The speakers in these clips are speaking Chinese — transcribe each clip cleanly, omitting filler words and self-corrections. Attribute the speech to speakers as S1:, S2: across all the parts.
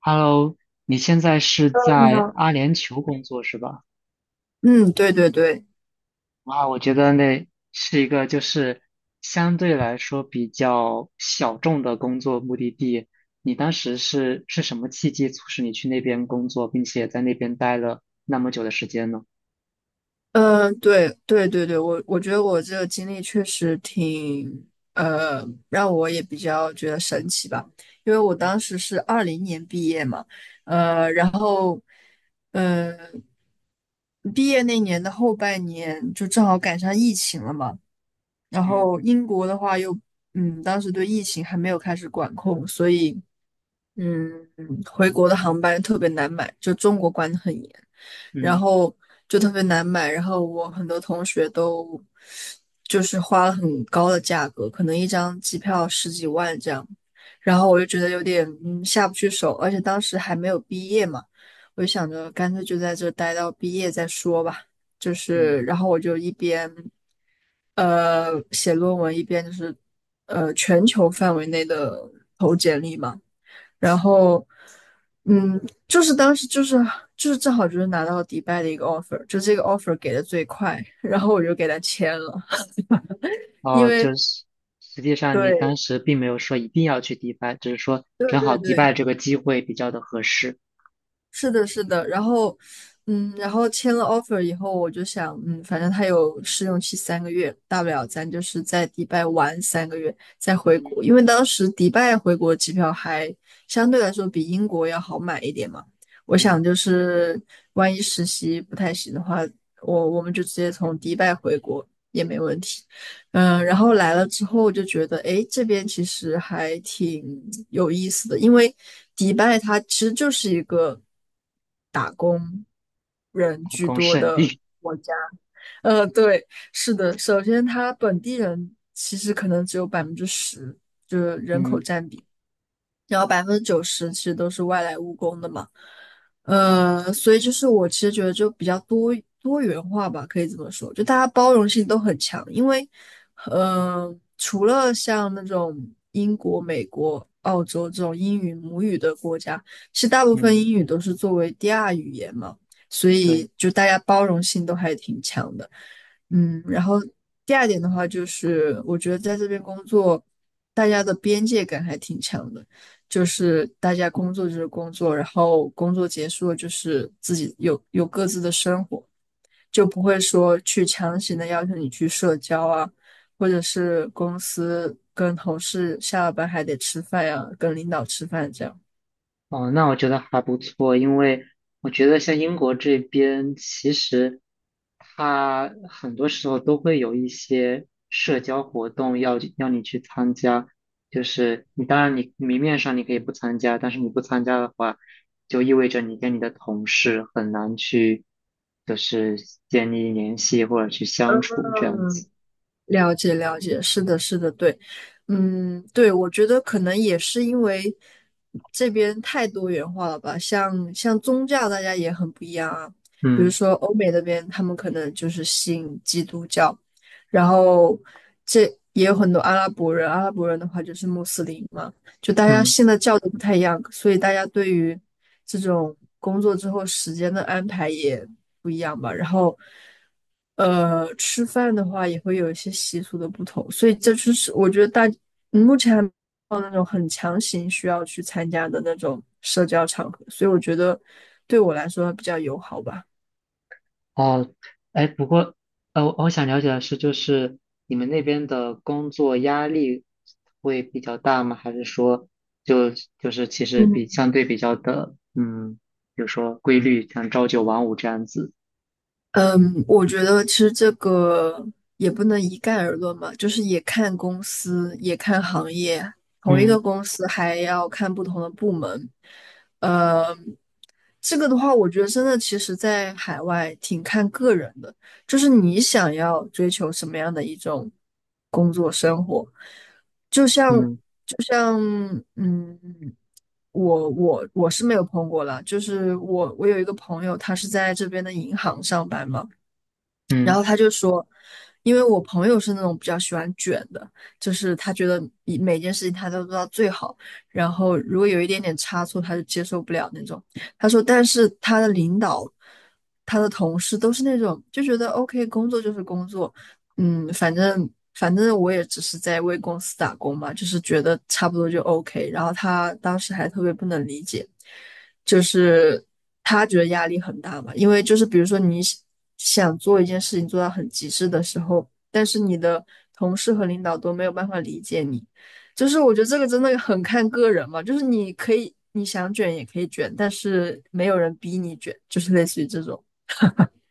S1: Hello，你现在是
S2: 你
S1: 在
S2: 好。
S1: 阿联酋工作是吧？
S2: 嗯，对对对，
S1: 哇，我觉得那是一个相对来说比较小众的工作目的地。你当时是什么契机促使你去那边工作，并且在那边待了那么久的时间呢？
S2: 嗯，对对对对，我觉得我这个经历确实挺，让我也比较觉得神奇吧。因为我当时是二零年毕业嘛，呃，然后，呃，毕业那年的后半年就正好赶上疫情了嘛。然
S1: 嗯
S2: 后英国的话又，嗯，当时对疫情还没有开始管控，所以。嗯，回国的航班特别难买，就中国管得很严，然
S1: 嗯
S2: 后就特别难买。然后我很多同学都就是花了很高的价格，可能一张机票十几万这样。然后我就觉得有点下不去手，而且当时还没有毕业嘛，我就想着干脆就在这待到毕业再说吧。就
S1: 嗯。
S2: 是，然后我就一边写论文，一边就是全球范围内的投简历嘛。然后，嗯，就是当时就是就是正好就是拿到迪拜的一个 offer,就这个 offer 给的最快，然后我就给他签了，因
S1: 哦，
S2: 为
S1: 就是实际上你当
S2: 对
S1: 时并没有说一定要去迪拜，只是说
S2: 对
S1: 正好
S2: 对
S1: 迪
S2: 对，
S1: 拜这个机会比较的合适。
S2: 是的，是的。然后,然后签了 offer 以后，我就想，嗯，反正他有试用期三个月，大不了咱就是在迪拜玩三个月再回
S1: 嗯
S2: 国，因为当时迪拜回国机票还相对来说比英国要好买一点嘛。我
S1: 嗯。
S2: 想就是万一实习不太行的话，我们就直接从迪拜回国也没问题。嗯，然后来了之后我就觉得，哎，这边其实还挺有意思的。因为迪拜它其实就是一个人
S1: 打
S2: 居
S1: 工
S2: 多
S1: 圣
S2: 的
S1: 地。
S2: 国家。呃，对，是的。首先它本地人其实可能只有百分之十，就是 人口
S1: 嗯
S2: 占比。然后百分之九十其实都是外来务工的嘛。呃，所以就是我其实觉得就比较多元化吧，可以这么说，就大家包容性都很强。因为，呃，除了像那种英国、美国、澳洲这种英语母语的国家，其实大部分
S1: 嗯。
S2: 英语都是作为第二语言嘛，所
S1: 对。
S2: 以就大家包容性都还挺强的。嗯，然后第二点的话就是，我觉得在这边工作，大家的边界感还挺强的。就是大家工作就是工作，然后工作结束了就是自己有各自的生活，就不会说去强行的要求你去社交啊，或者是公司跟同事下了班还得吃饭呀、啊跟领导吃饭这样。
S1: 哦，那我觉得还不错，因为我觉得像英国这边，其实它很多时候都会有一些社交活动要你去参加，就是你当然你明面上你可以不参加，但是你不参加的话，就意味着你跟你的同事很难去就是建立联系或者去相处这样
S2: 嗯，
S1: 子。
S2: 了解了解，是的，是的，对。嗯，对，我觉得可能也是因为这边太多元化了吧，像宗教大家也很不一样啊。比如
S1: 嗯
S2: 说欧美那边他们可能就是信基督教，然后这也有很多阿拉伯人，阿拉伯人的话就是穆斯林嘛，就大家
S1: 嗯。
S2: 信的教都不太一样，所以大家对于这种工作之后时间的安排也不一样吧。然后，呃，吃饭的话也会有一些习俗的不同，所以这就是我觉得目前还没有那种很强行需要去参加的那种社交场合，所以我觉得对我来说比较友好吧。
S1: 哦，哎，不过，我想了解的是，就是你们那边的工作压力会比较大吗？还是说就就是其实比
S2: 嗯。
S1: 相对比较的，嗯，比如说规律，像朝九晚五这样子？
S2: 嗯，我觉得其实这个也不能一概而论嘛，就是也看公司，也看行业，同一
S1: 嗯
S2: 个公司还要看不同的部门。呃，这个的话，我觉得真的其实在海外挺看个人的，就是你想要追求什么样的一种工作生活。就像
S1: 嗯
S2: 就像嗯，我是没有碰过了，就是我有一个朋友，他是在这边的银行上班嘛。然
S1: 嗯。
S2: 后他就说，因为我朋友是那种比较喜欢卷的，就是他觉得每件事情他都做到最好，然后如果有一点点差错，他就接受不了那种。他说，但是他的领导、他的同事都是那种就觉得 OK,工作就是工作，嗯，反正我也只是在为公司打工嘛，就是觉得差不多就 OK。然后他当时还特别不能理解。就是他觉得压力很大嘛，因为就是比如说你想做一件事情做到很极致的时候，但是你的同事和领导都没有办法理解你。就是我觉得这个真的很看个人嘛，就是你可以你想卷也可以卷，但是没有人逼你卷，就是类似于这种。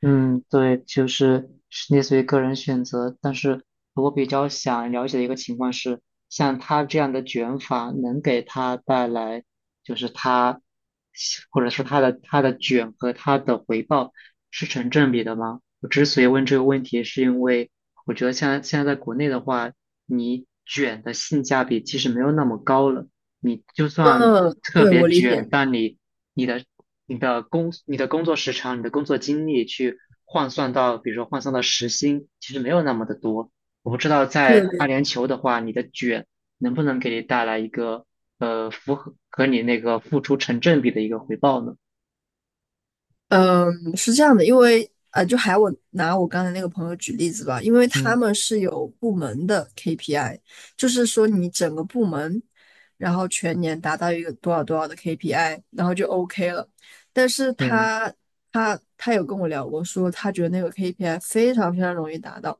S1: 嗯，对，就是是类似于个人选择，但是我比较想了解的一个情况是，像他这样的卷法能给他带来，就是他，或者是他的卷和他的回报是成正比的吗？我之所以问这个问题，是因为我觉得现在在国内的话，你卷的性价比其实没有那么高了。你就算
S2: 嗯，
S1: 特
S2: 对，
S1: 别
S2: 我理
S1: 卷，
S2: 解。
S1: 但你你的你的工作时长、你的工作经历去换算到，比如说换算到时薪，其实没有那么的多。我不知道在阿
S2: 对，
S1: 联酋的话，你的卷能不能给你带来一个符合和你那个付出成正比的一个回报呢？
S2: 嗯，是这样的。因为呃，就还我拿我刚才那个朋友举例子吧，因为他
S1: 嗯
S2: 们是有部门的 KPI,就是说你整个部门，然后全年达到一个多少多少的 KPI,然后就 OK 了。但是
S1: 嗯
S2: 他有跟我聊过说，他觉得那个 KPI 非常非常容易达到，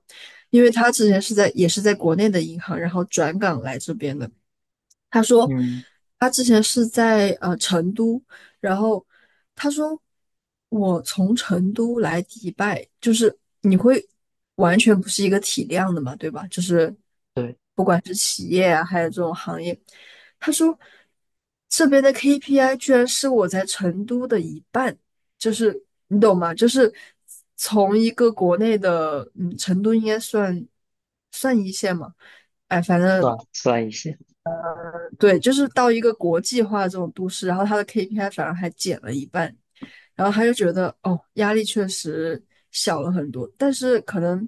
S2: 因为他之前是在也是在国内的银行，然后转岗来这边的。他说
S1: 嗯。
S2: 他之前是在成都，然后他说我从成都来迪拜，就是你会完全不是一个体量的嘛，对吧？就是
S1: 对，
S2: 行业，他说这边的 KPI 居然是我在成都的一半，就是你懂吗？就是从一个国内的，嗯，成都应该算一线嘛，哎，反正
S1: 算一些。
S2: 对，就是到一个国际化的这种都市，然后他的 KPI 反而还减了一半，然后他就觉得哦，压力确实小了很多，但是可能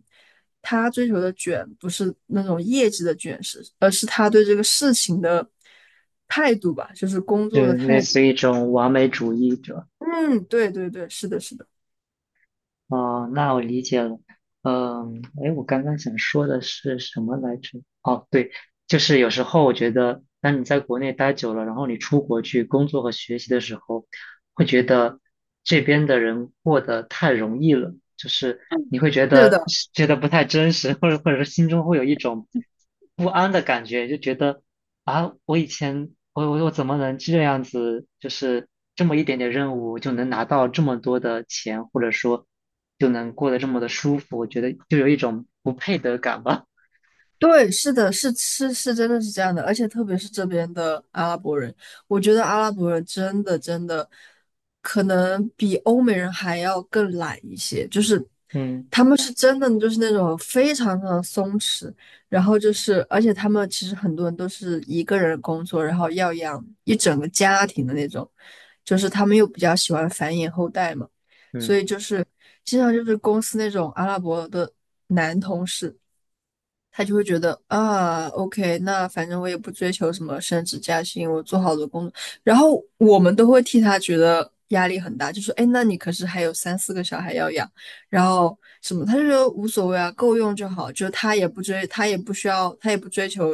S2: 他追求的卷不是那种业绩的卷，而是他对这个事情的态度吧，就是工
S1: 就
S2: 作的
S1: 类
S2: 态度。
S1: 似于一种完美主义者。
S2: 嗯，对对对，是的，是的，
S1: 哦，那我理解了。嗯，哎，我刚刚想说的是什么来着？哦，对，就是有时候我觉得，当你在国内待久了，然后你出国去工作和学习的时候，会觉得这边的人过得太容易了，就是你会觉
S2: 是
S1: 得
S2: 的。
S1: 不太真实，或者说心中会有一种不安的感觉，就觉得啊，我以前我怎么能这样子，就是这么一点点任务就能拿到这么多的钱，或者说就能过得这么的舒服，我觉得就有一种不配得感吧。
S2: 对，是的，是是是，真的是这样的。而且特别是这边的阿拉伯人，我觉得阿拉伯人真的真的可能比欧美人还要更懒一些，就是
S1: 嗯
S2: 他们是真的就是那种非常非常松弛。然后就是而且他们其实很多人都是一个人工作，然后要养一整个家庭的那种，就是他们又比较喜欢繁衍后代嘛。所
S1: 嗯。
S2: 以就是经常就是公司那种阿拉伯的男同事。他就会觉得啊，OK,那反正我也不追求什么升职加薪，我做好了工作，然后我们都会替他觉得压力很大，就说，哎，那你可是还有三四个小孩要养，然后什么，他就说无所谓啊，够用就好。就他也不追，他也不需要，他也不追求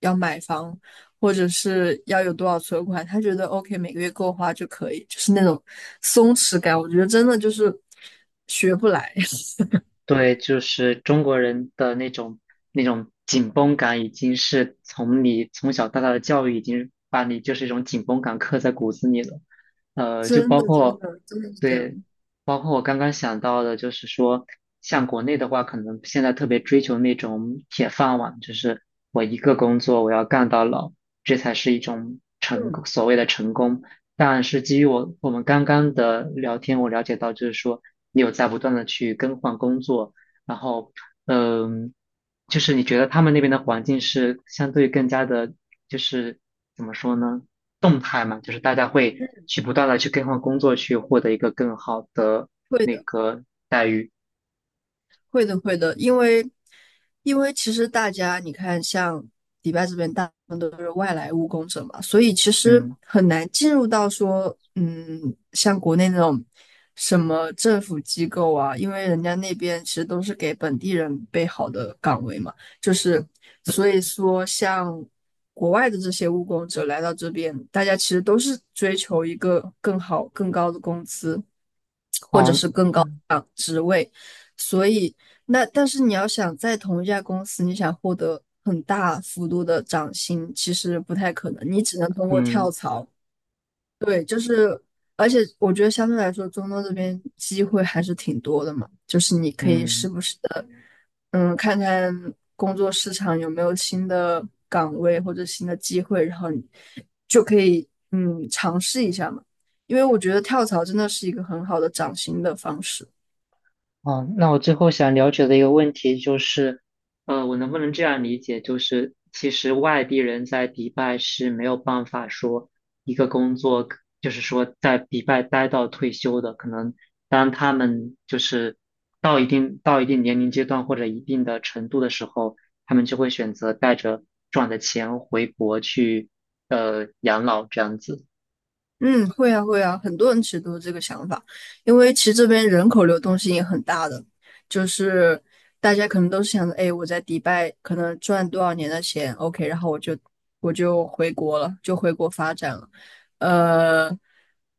S2: 要买房或者是要有多少存款，他觉得 OK,每个月够花就可以。就是那种松弛感，我觉得真的就是学不来。
S1: 对，就是中国人的那种紧绷感，已经是从你从小到大的教育已经把你一种紧绷感刻在骨子里了。就
S2: 真
S1: 包
S2: 的真
S1: 括
S2: 的真的是这
S1: 对，
S2: 样。
S1: 包括我刚刚想到的，就是说，像国内的话，可能现在特别追求那种铁饭碗，就是我一个工作我要干到老，这才是一种成
S2: 嗯，
S1: 功所谓的成功。但是基于我们刚刚的聊天，我了解到就是说，你有在不断的去更换工作，然后，嗯，就是你觉得他们那边的环境是相对更加的，就是怎么说呢，动态嘛，就是大家会去不断的去更换工作，去获得一个更好的
S2: 会
S1: 那
S2: 的。
S1: 个待遇。
S2: 会的，会的，因为其实大家你看，像迪拜这边大部分都是外来务工者嘛，所以其实
S1: 嗯。
S2: 很难进入到说，嗯，像国内那种什么政府机构啊，因为人家那边其实都是给本地人备好的岗位嘛。就是所以说像国外的这些务工者来到这边，大家其实都是追求一个更好、更高的工资。
S1: 哦，嗯
S2: 对，所以但是你要想在同一家公司，你想获得很大幅度的涨薪，其实不太可能，你只能通过跳
S1: 嗯
S2: 槽。对，就是，而且我觉得相对来说，中东这边机会还是挺多的嘛，就是你可以时
S1: 嗯。
S2: 不时的，嗯，看看工作市场有没有新的岗位或者新的机会，然后你就可以尝试一下嘛。因为我觉得跳槽真的是一个很好的涨薪的方式。
S1: 哦，那我最后想了解的一个问题就是，我能不能这样理解，就是其实外地人在迪拜是没有办法说一个工作，就是说在迪拜待到退休的，可能当他们就是到一定年龄阶段或者一定的程度的时候，他们就会选择带着赚的钱回国去养老这样子。
S2: 嗯，会啊会啊，很多人其实都是这个想法，因为其实这边人口流动性也很大的，就是大家可能都是想着，哎，我在迪拜可能赚多少年的钱，OK,然后我就回国了，就回国发展了。呃，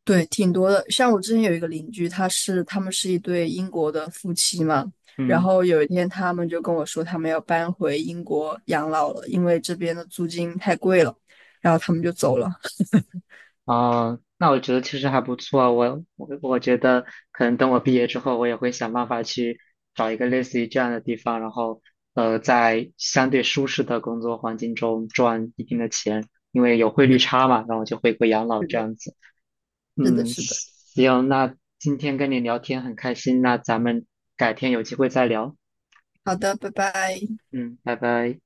S2: 对，挺多的。像我之前有一个邻居，他们是一对英国的夫妻嘛，然
S1: 嗯。
S2: 后有一天他们就跟我说，他们要搬回英国养老了，因为这边的租金太贵了，然后他们就走了。
S1: 哦，那我觉得其实还不错啊。我觉得可能等我毕业之后，我也会想办法去找一个类似于这样的地方，然后在相对舒适的工作环境中赚一定的钱，因为有汇率 差嘛，然后就回国养老
S2: 是
S1: 这
S2: 的，
S1: 样子。
S2: 是的，
S1: 嗯，
S2: 是的。
S1: 行，那今天跟你聊天很开心，那咱们改天有机会再聊。
S2: 好的，拜拜。
S1: 嗯，拜拜。